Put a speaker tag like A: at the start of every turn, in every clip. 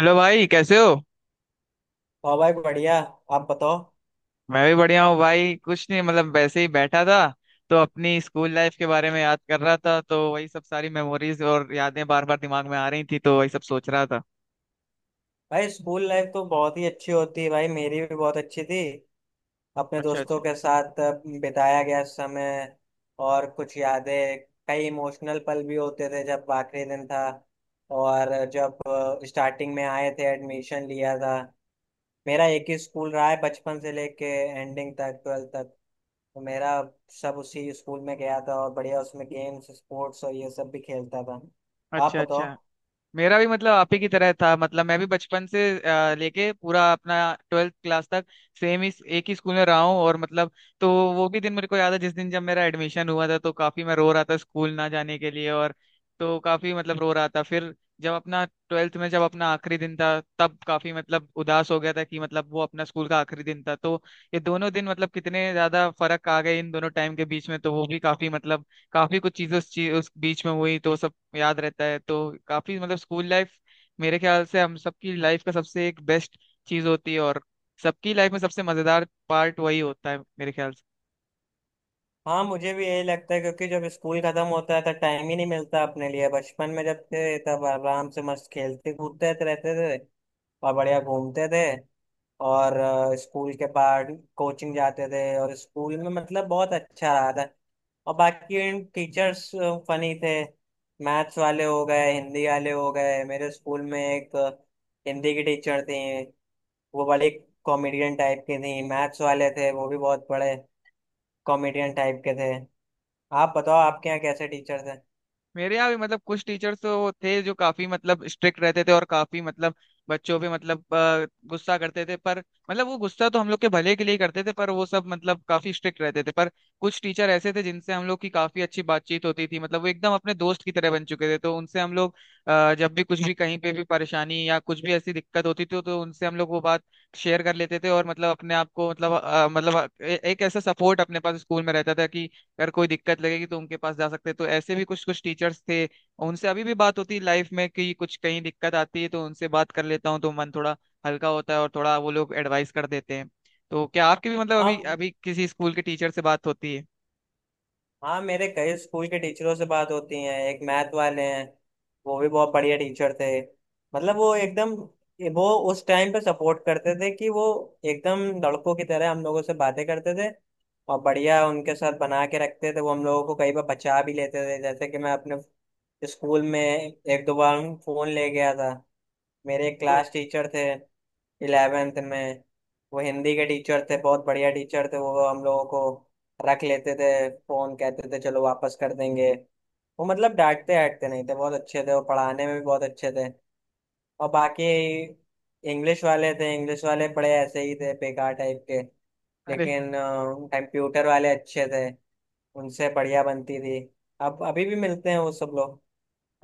A: Hello भाई, कैसे हो?
B: और भाई बढ़िया। आप बताओ।
A: मैं भी बढ़िया हूँ भाई। कुछ नहीं, मतलब वैसे ही बैठा था। तो अपनी स्कूल लाइफ के बारे में याद कर रहा था, तो वही सब सारी मेमोरीज और यादें बार बार दिमाग में आ रही थी, तो वही सब सोच रहा था।
B: भाई स्कूल लाइफ तो बहुत ही अच्छी होती है, भाई मेरी भी बहुत अच्छी थी। अपने
A: अच्छा,
B: दोस्तों
A: अच्छा।
B: के साथ बिताया गया समय और कुछ यादें। कई इमोशनल पल भी होते थे, जब आखिरी दिन था और जब स्टार्टिंग में आए थे, एडमिशन लिया था। मेरा एक ही स्कूल रहा है बचपन से लेके एंडिंग तक, ट्वेल्थ तक। तो मेरा सब उसी स्कूल में गया था और बढ़िया उसमें गेम्स स्पोर्ट्स और ये सब भी खेलता था। आप
A: अच्छा,
B: बताओ।
A: अच्छा। मेरा भी, मतलब आप ही की तरह था। मतलब मैं भी बचपन से लेके पूरा अपना 12th क्लास तक सेम ही एक ही स्कूल में रहा हूँ। और मतलब तो वो भी दिन मेरे को याद है, जिस दिन जब मेरा एडमिशन हुआ था, तो काफी मैं रो रहा था स्कूल ना जाने के लिए। और तो काफी मतलब रो रहा था। फिर जब अपना 12th में जब अपना आखिरी दिन था, तब काफी मतलब उदास हो गया था कि मतलब वो अपना स्कूल का आखिरी दिन था। तो ये दोनों दिन मतलब कितने ज्यादा फर्क आ गए इन दोनों टाइम के बीच में, तो वो भी काफी मतलब काफी कुछ चीजें उस बीच में हुई, तो वो सब याद रहता है। तो काफी मतलब स्कूल लाइफ मेरे ख्याल से हम सबकी लाइफ का सबसे एक बेस्ट चीज होती है। और सबकी लाइफ में सबसे मजेदार पार्ट वही होता है मेरे ख्याल से।
B: हाँ मुझे भी यही लगता है, क्योंकि जब स्कूल खत्म होता है तो टाइम ही नहीं मिलता अपने लिए। बचपन में जब थे तब आराम से मस्त खेलते कूदते रहते थे और बढ़िया घूमते थे। और स्कूल के बाद कोचिंग जाते थे और स्कूल में मतलब बहुत अच्छा रहा था। और बाकी टीचर्स फनी थे, मैथ्स वाले हो गए हिंदी वाले हो गए। मेरे स्कूल में एक हिंदी की टीचर थी, वो बड़ी कॉमेडियन टाइप की थी। मैथ्स वाले थे वो भी बहुत बड़े कॉमेडियन टाइप के थे। आप बताओ, आपके यहाँ कैसे टीचर्स हैं।
A: मेरे यहाँ भी मतलब कुछ टीचर्स तो थे जो काफी मतलब स्ट्रिक्ट रहते थे, और काफी मतलब बच्चों पे मतलब गुस्सा करते थे। पर मतलब वो गुस्सा तो हम लोग के भले के लिए ही करते थे, पर वो सब मतलब काफी स्ट्रिक्ट रहते थे। पर कुछ टीचर ऐसे थे जिनसे हम लोग की काफी अच्छी बातचीत होती थी, मतलब वो एकदम अपने दोस्त की तरह बन चुके थे। तो उनसे हम लोग जब भी कुछ भी कहीं पे भी परेशानी या कुछ भी ऐसी दिक्कत होती थी, तो उनसे हम लोग वो बात शेयर कर लेते थे। और मतलब अपने आप को मतलब मतलब एक ऐसा सपोर्ट अपने पास स्कूल में रहता था कि अगर कोई दिक्कत लगेगी तो उनके पास जा सकते हैं। तो ऐसे भी कुछ कुछ टीचर्स थे, और उनसे अभी भी बात होती है लाइफ में कि कुछ कहीं दिक्कत आती है तो उनसे बात कर लेता हूँ, तो मन थोड़ा हल्का होता है और थोड़ा वो लोग एडवाइस कर देते हैं। तो क्या आपके भी मतलब अभी
B: आप।
A: अभी किसी स्कूल के टीचर से बात होती है?
B: हाँ मेरे कई स्कूल के टीचरों से बात होती है। एक मैथ वाले हैं, वो भी बहुत बढ़िया टीचर थे। मतलब वो एकदम, वो उस टाइम पे सपोर्ट करते थे कि वो एकदम लड़कों की तरह हम लोगों से बातें करते थे और बढ़िया उनके साथ बना के रखते थे। वो हम लोगों को कई बार बचा भी लेते थे, जैसे कि मैं अपने स्कूल में एक दो बार फोन ले गया था। मेरे एक
A: तो
B: क्लास टीचर थे इलेवेंथ में, वो हिंदी के टीचर थे। बहुत बढ़िया टीचर थे, वो हम लोगों को रख लेते थे फोन, कहते थे चलो वापस कर देंगे। वो मतलब डांटते डांटते नहीं थे, बहुत अच्छे थे, वो पढ़ाने में भी बहुत अच्छे थे। और बाकी इंग्लिश वाले थे, इंग्लिश वाले बड़े ऐसे ही थे बेकार टाइप के।
A: अरे,
B: लेकिन कंप्यूटर वाले अच्छे थे, उनसे बढ़िया बनती थी। अब अभी भी मिलते हैं वो सब लोग।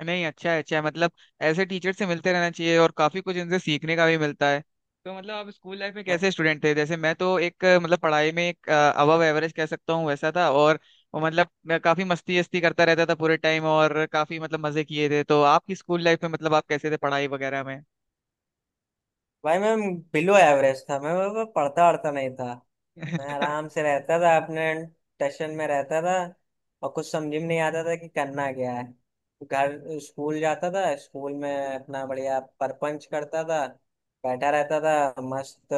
A: नहीं, अच्छा है, अच्छा है, मतलब ऐसे टीचर से मिलते रहना चाहिए और काफी कुछ इनसे सीखने का भी मिलता है। तो मतलब आप स्कूल लाइफ में
B: हाँ।
A: कैसे स्टूडेंट थे? जैसे मैं तो एक मतलब पढ़ाई में एक अबव एवरेज कह सकता हूँ वैसा था, और वो मतलब मैं काफी मस्ती वस्ती करता रहता था पूरे टाइम, और काफी मतलब मजे किए थे। तो आपकी स्कूल लाइफ में मतलब आप कैसे थे पढ़ाई वगैरह में?
B: भाई मैं बिलो एवरेज था। मैं पढ़ता वढ़ता नहीं था। मैं आराम से रहता था, अपने टेंशन में रहता था और कुछ समझ में नहीं आता था कि करना क्या है। घर, स्कूल जाता था, स्कूल में अपना बढ़िया परपंच करता था, बैठा रहता था मस्त।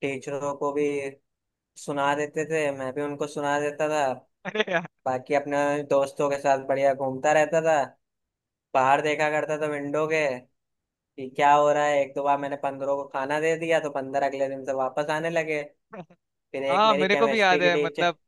B: टीचरों को भी सुना देते थे, मैं भी उनको सुना देता था।
A: अरे यार!
B: बाकी अपने दोस्तों के साथ बढ़िया घूमता रहता था, बाहर देखा करता था विंडो के, कि क्या हो रहा है। एक दो बार मैंने बंदरों को खाना दे दिया तो बंदर अगले दिन से वापस आने लगे। फिर एक
A: हाँ,
B: मेरी
A: मेरे को भी
B: केमिस्ट्री
A: याद
B: की
A: है,
B: टीचर,
A: मतलब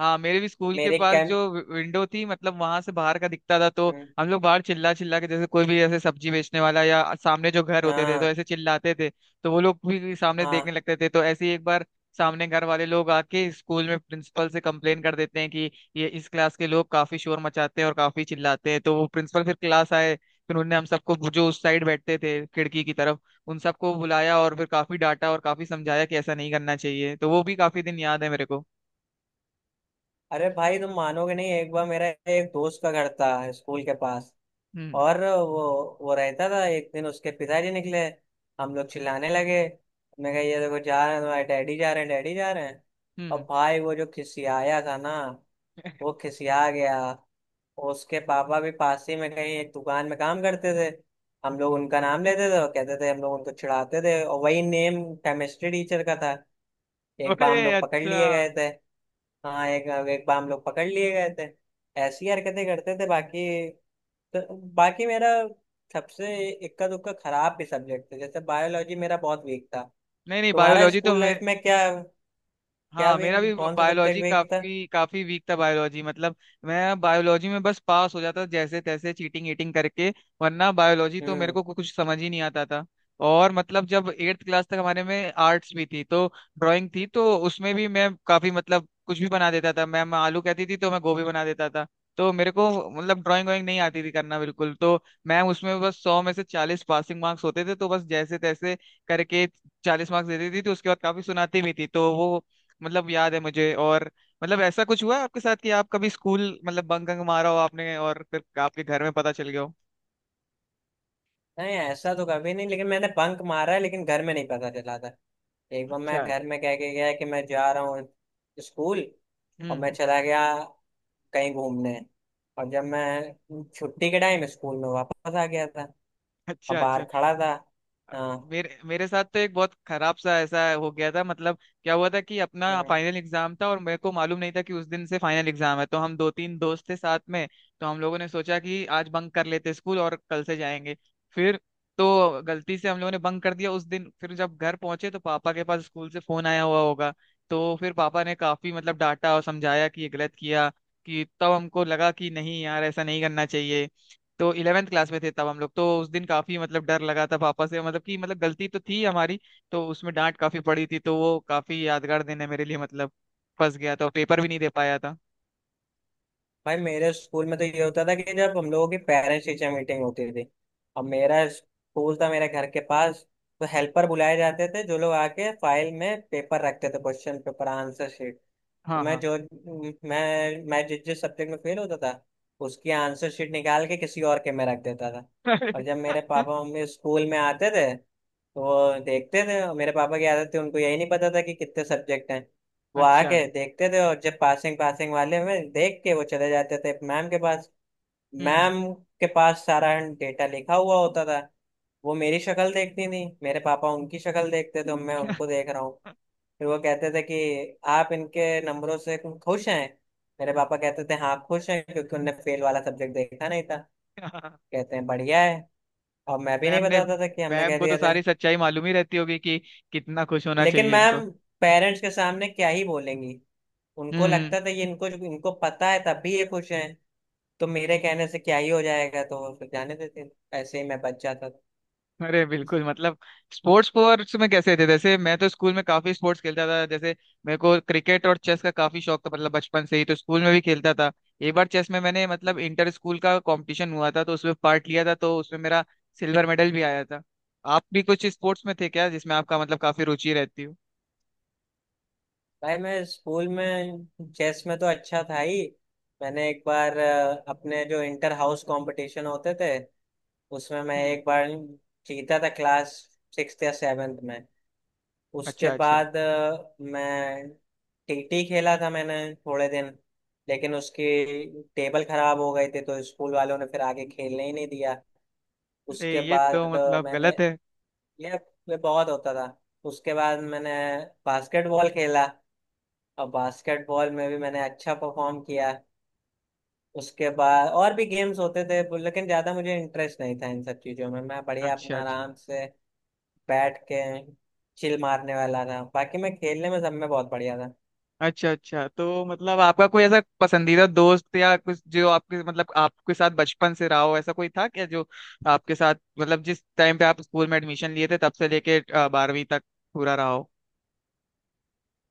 A: हाँ, मेरे भी स्कूल के
B: मेरी
A: पास
B: केम।
A: जो विंडो थी, मतलब वहां से बाहर का दिखता था। तो हम लोग बाहर चिल्ला चिल्ला के, जैसे कोई भी ऐसे सब्जी बेचने वाला या सामने जो घर होते थे, तो
B: हाँ।
A: ऐसे चिल्लाते थे। तो वो लोग भी सामने देखने
B: हाँ।
A: लगते थे। तो ऐसे ही एक बार सामने घर वाले लोग आके स्कूल में प्रिंसिपल से कंप्लेन कर देते हैं कि ये इस क्लास के लोग काफी शोर मचाते हैं और काफी चिल्लाते हैं। तो वो प्रिंसिपल फिर क्लास आए, फिर उन्होंने हम सबको जो उस साइड बैठते थे खिड़की की तरफ, उन सबको बुलाया और फिर काफी डांटा और काफी समझाया कि ऐसा नहीं करना चाहिए। तो वो भी काफी दिन याद है मेरे को।
B: अरे भाई तुम मानोगे नहीं, एक बार मेरा एक दोस्त का घर था स्कूल के पास
A: हम्म,
B: और वो रहता था। एक दिन उसके पिताजी निकले, हम लोग चिल्लाने लगे। मैं कहा ये देखो जा रहे हैं तुम्हारे डैडी, जा रहे हैं डैडी, जा रहे हैं।
A: हम्म,
B: और
A: हम्म।
B: भाई वो जो खिसियाया था ना, वो खिसिया गया। उसके पापा भी पास ही में कहीं एक दुकान में काम करते थे। हम लोग उनका नाम लेते थे और कहते थे, हम लोग उनको चिढ़ाते थे, और वही नेम केमिस्ट्री टीचर का था। एक
A: अरे,
B: बार हम लोग पकड़
A: अच्छा!
B: लिए गए थे। हाँ, एक एक बार हम लोग पकड़ लिए गए थे। ऐसी हरकतें करते थे बाकी। तो बाकी मेरा सबसे इक्का दुक्का खराब भी सब्जेक्ट था, जैसे बायोलॉजी मेरा बहुत वीक था।
A: नहीं, नहीं,
B: तुम्हारा
A: बायोलॉजी तो
B: स्कूल लाइफ में क्या, क्या
A: हाँ, मेरा
B: वीक,
A: भी
B: कौन सा
A: बायोलॉजी
B: सब्जेक्ट वीक था।
A: काफी काफी वीक था। बायोलॉजी मतलब मैं बायोलॉजी में बस पास हो जाता था जैसे तैसे, चीटिंग ईटिंग करके, वरना बायोलॉजी तो मेरे
B: हम्म।
A: को कुछ समझ ही नहीं आता था। और मतलब जब एट्थ क्लास तक हमारे में आर्ट्स भी थी, तो ड्राइंग थी, तो उसमें भी मैं काफी मतलब कुछ भी बना देता था। मैम आलू कहती थी तो मैं गोभी बना देता था। तो मेरे को मतलब ड्राइंग वाइंग नहीं आती थी करना बिल्कुल। तो मैम उसमें बस 100 में से 40 पासिंग मार्क्स होते थे, तो बस जैसे तैसे करके 40 मार्क्स देती थी। तो उसके बाद काफी सुनाती भी थी, तो वो मतलब याद है मुझे। और मतलब ऐसा कुछ हुआ है आपके साथ कि आप कभी स्कूल मतलब बंक वंक मारा हो आपने, और फिर आपके घर में पता चल गया हो?
B: नहीं ऐसा तो कभी नहीं, लेकिन मैंने बंक मारा है, लेकिन घर में नहीं पता चला था। एक बार मैं
A: अच्छा।
B: घर में कह के गया कि मैं जा रहा हूँ स्कूल, और मैं
A: हम्म।
B: चला गया कहीं घूमने। और जब मैं छुट्टी के टाइम स्कूल में वापस आ गया था और
A: अच्छा,
B: बाहर
A: अच्छा।
B: खड़ा था। हाँ।
A: मेरे मेरे साथ तो एक बहुत खराब सा ऐसा हो गया था मतलब। क्या हुआ था कि अपना
B: हम्म।
A: फाइनल एग्जाम था, और मेरे को मालूम नहीं था कि उस दिन से फाइनल एग्जाम है। तो हम दो तीन दोस्त थे साथ में, तो हम लोगों ने सोचा कि आज बंक कर लेते स्कूल और कल से जाएंगे। फिर तो गलती से हम लोगों ने बंक कर दिया उस दिन। फिर जब घर पहुंचे तो पापा के पास स्कूल से फोन आया हुआ होगा। तो फिर पापा ने काफी मतलब डांटा और समझाया कि ये गलत किया। कि तब हमको लगा कि नहीं यार, ऐसा नहीं करना चाहिए। तो 11th क्लास में थे तब हम लोग। तो उस दिन काफी मतलब डर लगा था पापा से, मतलब कि मतलब गलती तो थी हमारी। तो उसमें डांट काफी पड़ी थी, तो वो काफी यादगार दिन है मेरे लिए मतलब। फंस गया था, पेपर भी नहीं दे पाया था।
B: भाई मेरे स्कूल में तो ये होता था कि जब हम लोगों की पेरेंट्स टीचर मीटिंग होती थी, और मेरा स्कूल था मेरे घर के पास, तो हेल्पर बुलाए जाते थे जो लोग आके फाइल में पेपर रखते थे, क्वेश्चन पेपर, आंसर शीट। तो
A: हाँ,
B: मैं
A: हाँ।
B: जो मैं जिस जिस सब्जेक्ट में फेल होता था, उसकी आंसर शीट निकाल के किसी और के में रख देता था। और जब मेरे पापा मम्मी स्कूल में आते थे तो वो देखते थे। और मेरे पापा की आदत थी, उनको यही नहीं पता था कि कितने सब्जेक्ट हैं। वो
A: अच्छा।
B: आके देखते थे और जब पासिंग पासिंग वाले में देख के वो चले जाते थे मैम के पास।
A: हम्म,
B: मैम के पास सारा डेटा लिखा हुआ होता था। वो मेरी शक्ल देखती थी, मेरे पापा उनकी शक्ल देखते थे, तो मैं उनको देख रहा हूँ।
A: हम्म।
B: फिर वो कहते थे कि आप इनके नंबरों से खुश हैं। मेरे पापा कहते थे हाँ खुश हैं, क्योंकि उनने फेल वाला सब्जेक्ट देखा नहीं था। कहते हैं बढ़िया है। और मैं भी नहीं
A: मैम ने
B: बताता था कि हमने
A: मैम
B: कह
A: को तो
B: दिया था।
A: सारी सच्चाई मालूम ही रहती होगी कि कितना खुश होना
B: लेकिन
A: चाहिए
B: मैम
A: इनको।
B: पेरेंट्स के सामने क्या ही बोलेंगी।
A: हम्म,
B: उनको लगता था ये इनको इनको पता है तब भी ये खुश हैं, तो मेरे कहने से क्या ही हो जाएगा। तो फिर जाने देते थे। ऐसे ही मैं बच जाता था।
A: अरे बिल्कुल, मतलब स्पोर्ट्स स्पोर्ट्स में कैसे थे? जैसे मैं तो स्कूल में काफी स्पोर्ट्स खेलता था। जैसे मेरे को क्रिकेट और चेस का काफी शौक था, मतलब बचपन से ही। तो स्कूल में भी खेलता था। एक बार चेस में मैंने मतलब इंटर स्कूल का कंपटीशन हुआ था, तो उसमें पार्ट लिया था, तो उसमें मेरा सिल्वर मेडल भी आया था। आप भी कुछ स्पोर्ट्स में थे क्या जिसमें आपका मतलब काफी रुचि रहती हो?
B: भाई मैं स्कूल में चेस में तो अच्छा था ही। मैंने एक बार अपने जो इंटर हाउस कंपटीशन होते थे उसमें मैं
A: हम्म।
B: एक बार जीता था, क्लास सिक्स या सेवेंथ में। उसके
A: अच्छा, अच्छा।
B: बाद मैं टीटी खेला था मैंने थोड़े दिन, लेकिन उसकी टेबल खराब हो गई थी तो स्कूल वालों ने फिर आगे खेलने ही नहीं दिया।
A: अरे,
B: उसके
A: ये तो
B: बाद
A: मतलब
B: मैंने,
A: गलत है।
B: ये ये बहुत होता था। उसके बाद मैंने बास्केटबॉल खेला, और बास्केटबॉल में भी मैंने अच्छा परफॉर्म किया। उसके बाद और भी गेम्स होते थे, लेकिन ज्यादा मुझे इंटरेस्ट नहीं था इन सब चीजों में। मैं बढ़िया अपना
A: अच्छा,
B: आराम से बैठ के चिल मारने वाला था। बाकी मैं खेलने में सब में बहुत बढ़िया था।
A: अच्छा। अच्छा तो मतलब आपका कोई ऐसा पसंदीदा दोस्त या कुछ जो आपके मतलब आपके साथ बचपन से रहा हो, ऐसा कोई था क्या जो आपके साथ मतलब जिस टाइम पे आप स्कूल में एडमिशन लिए थे तब से लेके 12वीं तक पूरा रहा हो?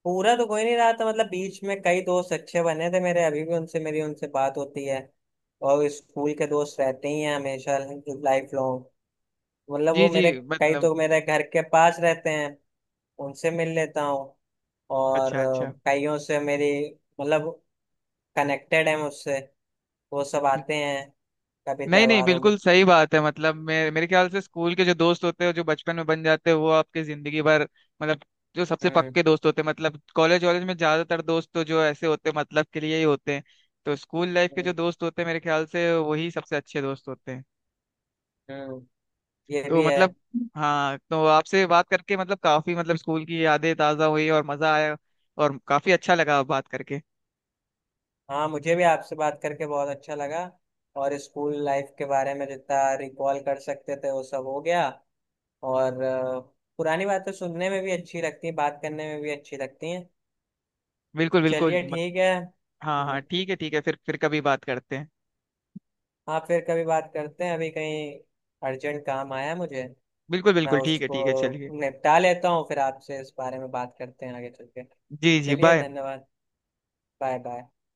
B: पूरा तो कोई नहीं रहा था, मतलब बीच में कई दोस्त अच्छे बने थे मेरे, अभी भी उनसे बात होती है। और स्कूल के दोस्त रहते ही हैं हमेशा, लाइफ लॉन्ग। मतलब वो
A: जी, जी।
B: मेरे, कई
A: मतलब
B: तो मेरे घर के पास रहते हैं, उनसे मिल लेता हूँ। और
A: अच्छा, अच्छा।
B: कईयों से मेरी मतलब कनेक्टेड है मुझसे, वो सब आते हैं कभी
A: नहीं, नहीं,
B: त्योहारों में।
A: बिल्कुल सही बात है। मतलब मेरे मेरे ख्याल से स्कूल के जो दोस्त होते हैं, जो बचपन में बन जाते हैं, वो आपके जिंदगी भर मतलब जो सबसे
B: हम्म,
A: पक्के दोस्त होते हैं। मतलब कॉलेज वॉलेज में ज्यादातर दोस्त तो जो ऐसे होते हैं, मतलब के लिए ही होते हैं। तो स्कूल लाइफ के जो
B: हम्म,
A: दोस्त होते हैं मेरे ख्याल से वही सबसे अच्छे दोस्त होते हैं।
B: हम्म। ये
A: तो
B: भी है।
A: मतलब हाँ, तो आपसे बात करके मतलब काफी मतलब स्कूल की यादें ताजा हुई और मजा आया, और काफी अच्छा लगा बात करके।
B: हाँ मुझे भी आपसे बात करके बहुत अच्छा लगा। और स्कूल लाइफ के बारे में जितना रिकॉल कर सकते थे वो सब हो गया। और पुरानी बातें सुनने में भी अच्छी लगती हैं, बात करने में भी अच्छी लगती हैं।
A: बिल्कुल बिल्कुल
B: चलिए ठीक है।
A: हाँ,
B: हम्म।
A: हाँ, ठीक है, ठीक है, फिर कभी बात करते हैं।
B: हाँ फिर कभी बात करते हैं, अभी कहीं अर्जेंट काम आया है मुझे।
A: बिल्कुल
B: मैं
A: बिल्कुल, ठीक है,
B: उसको
A: ठीक है, चलिए।
B: निपटा लेता हूँ, फिर आपसे इस बारे में बात करते हैं आगे चल के।
A: जी, जी,
B: चलिए,
A: बाय।
B: धन्यवाद। Bye bye.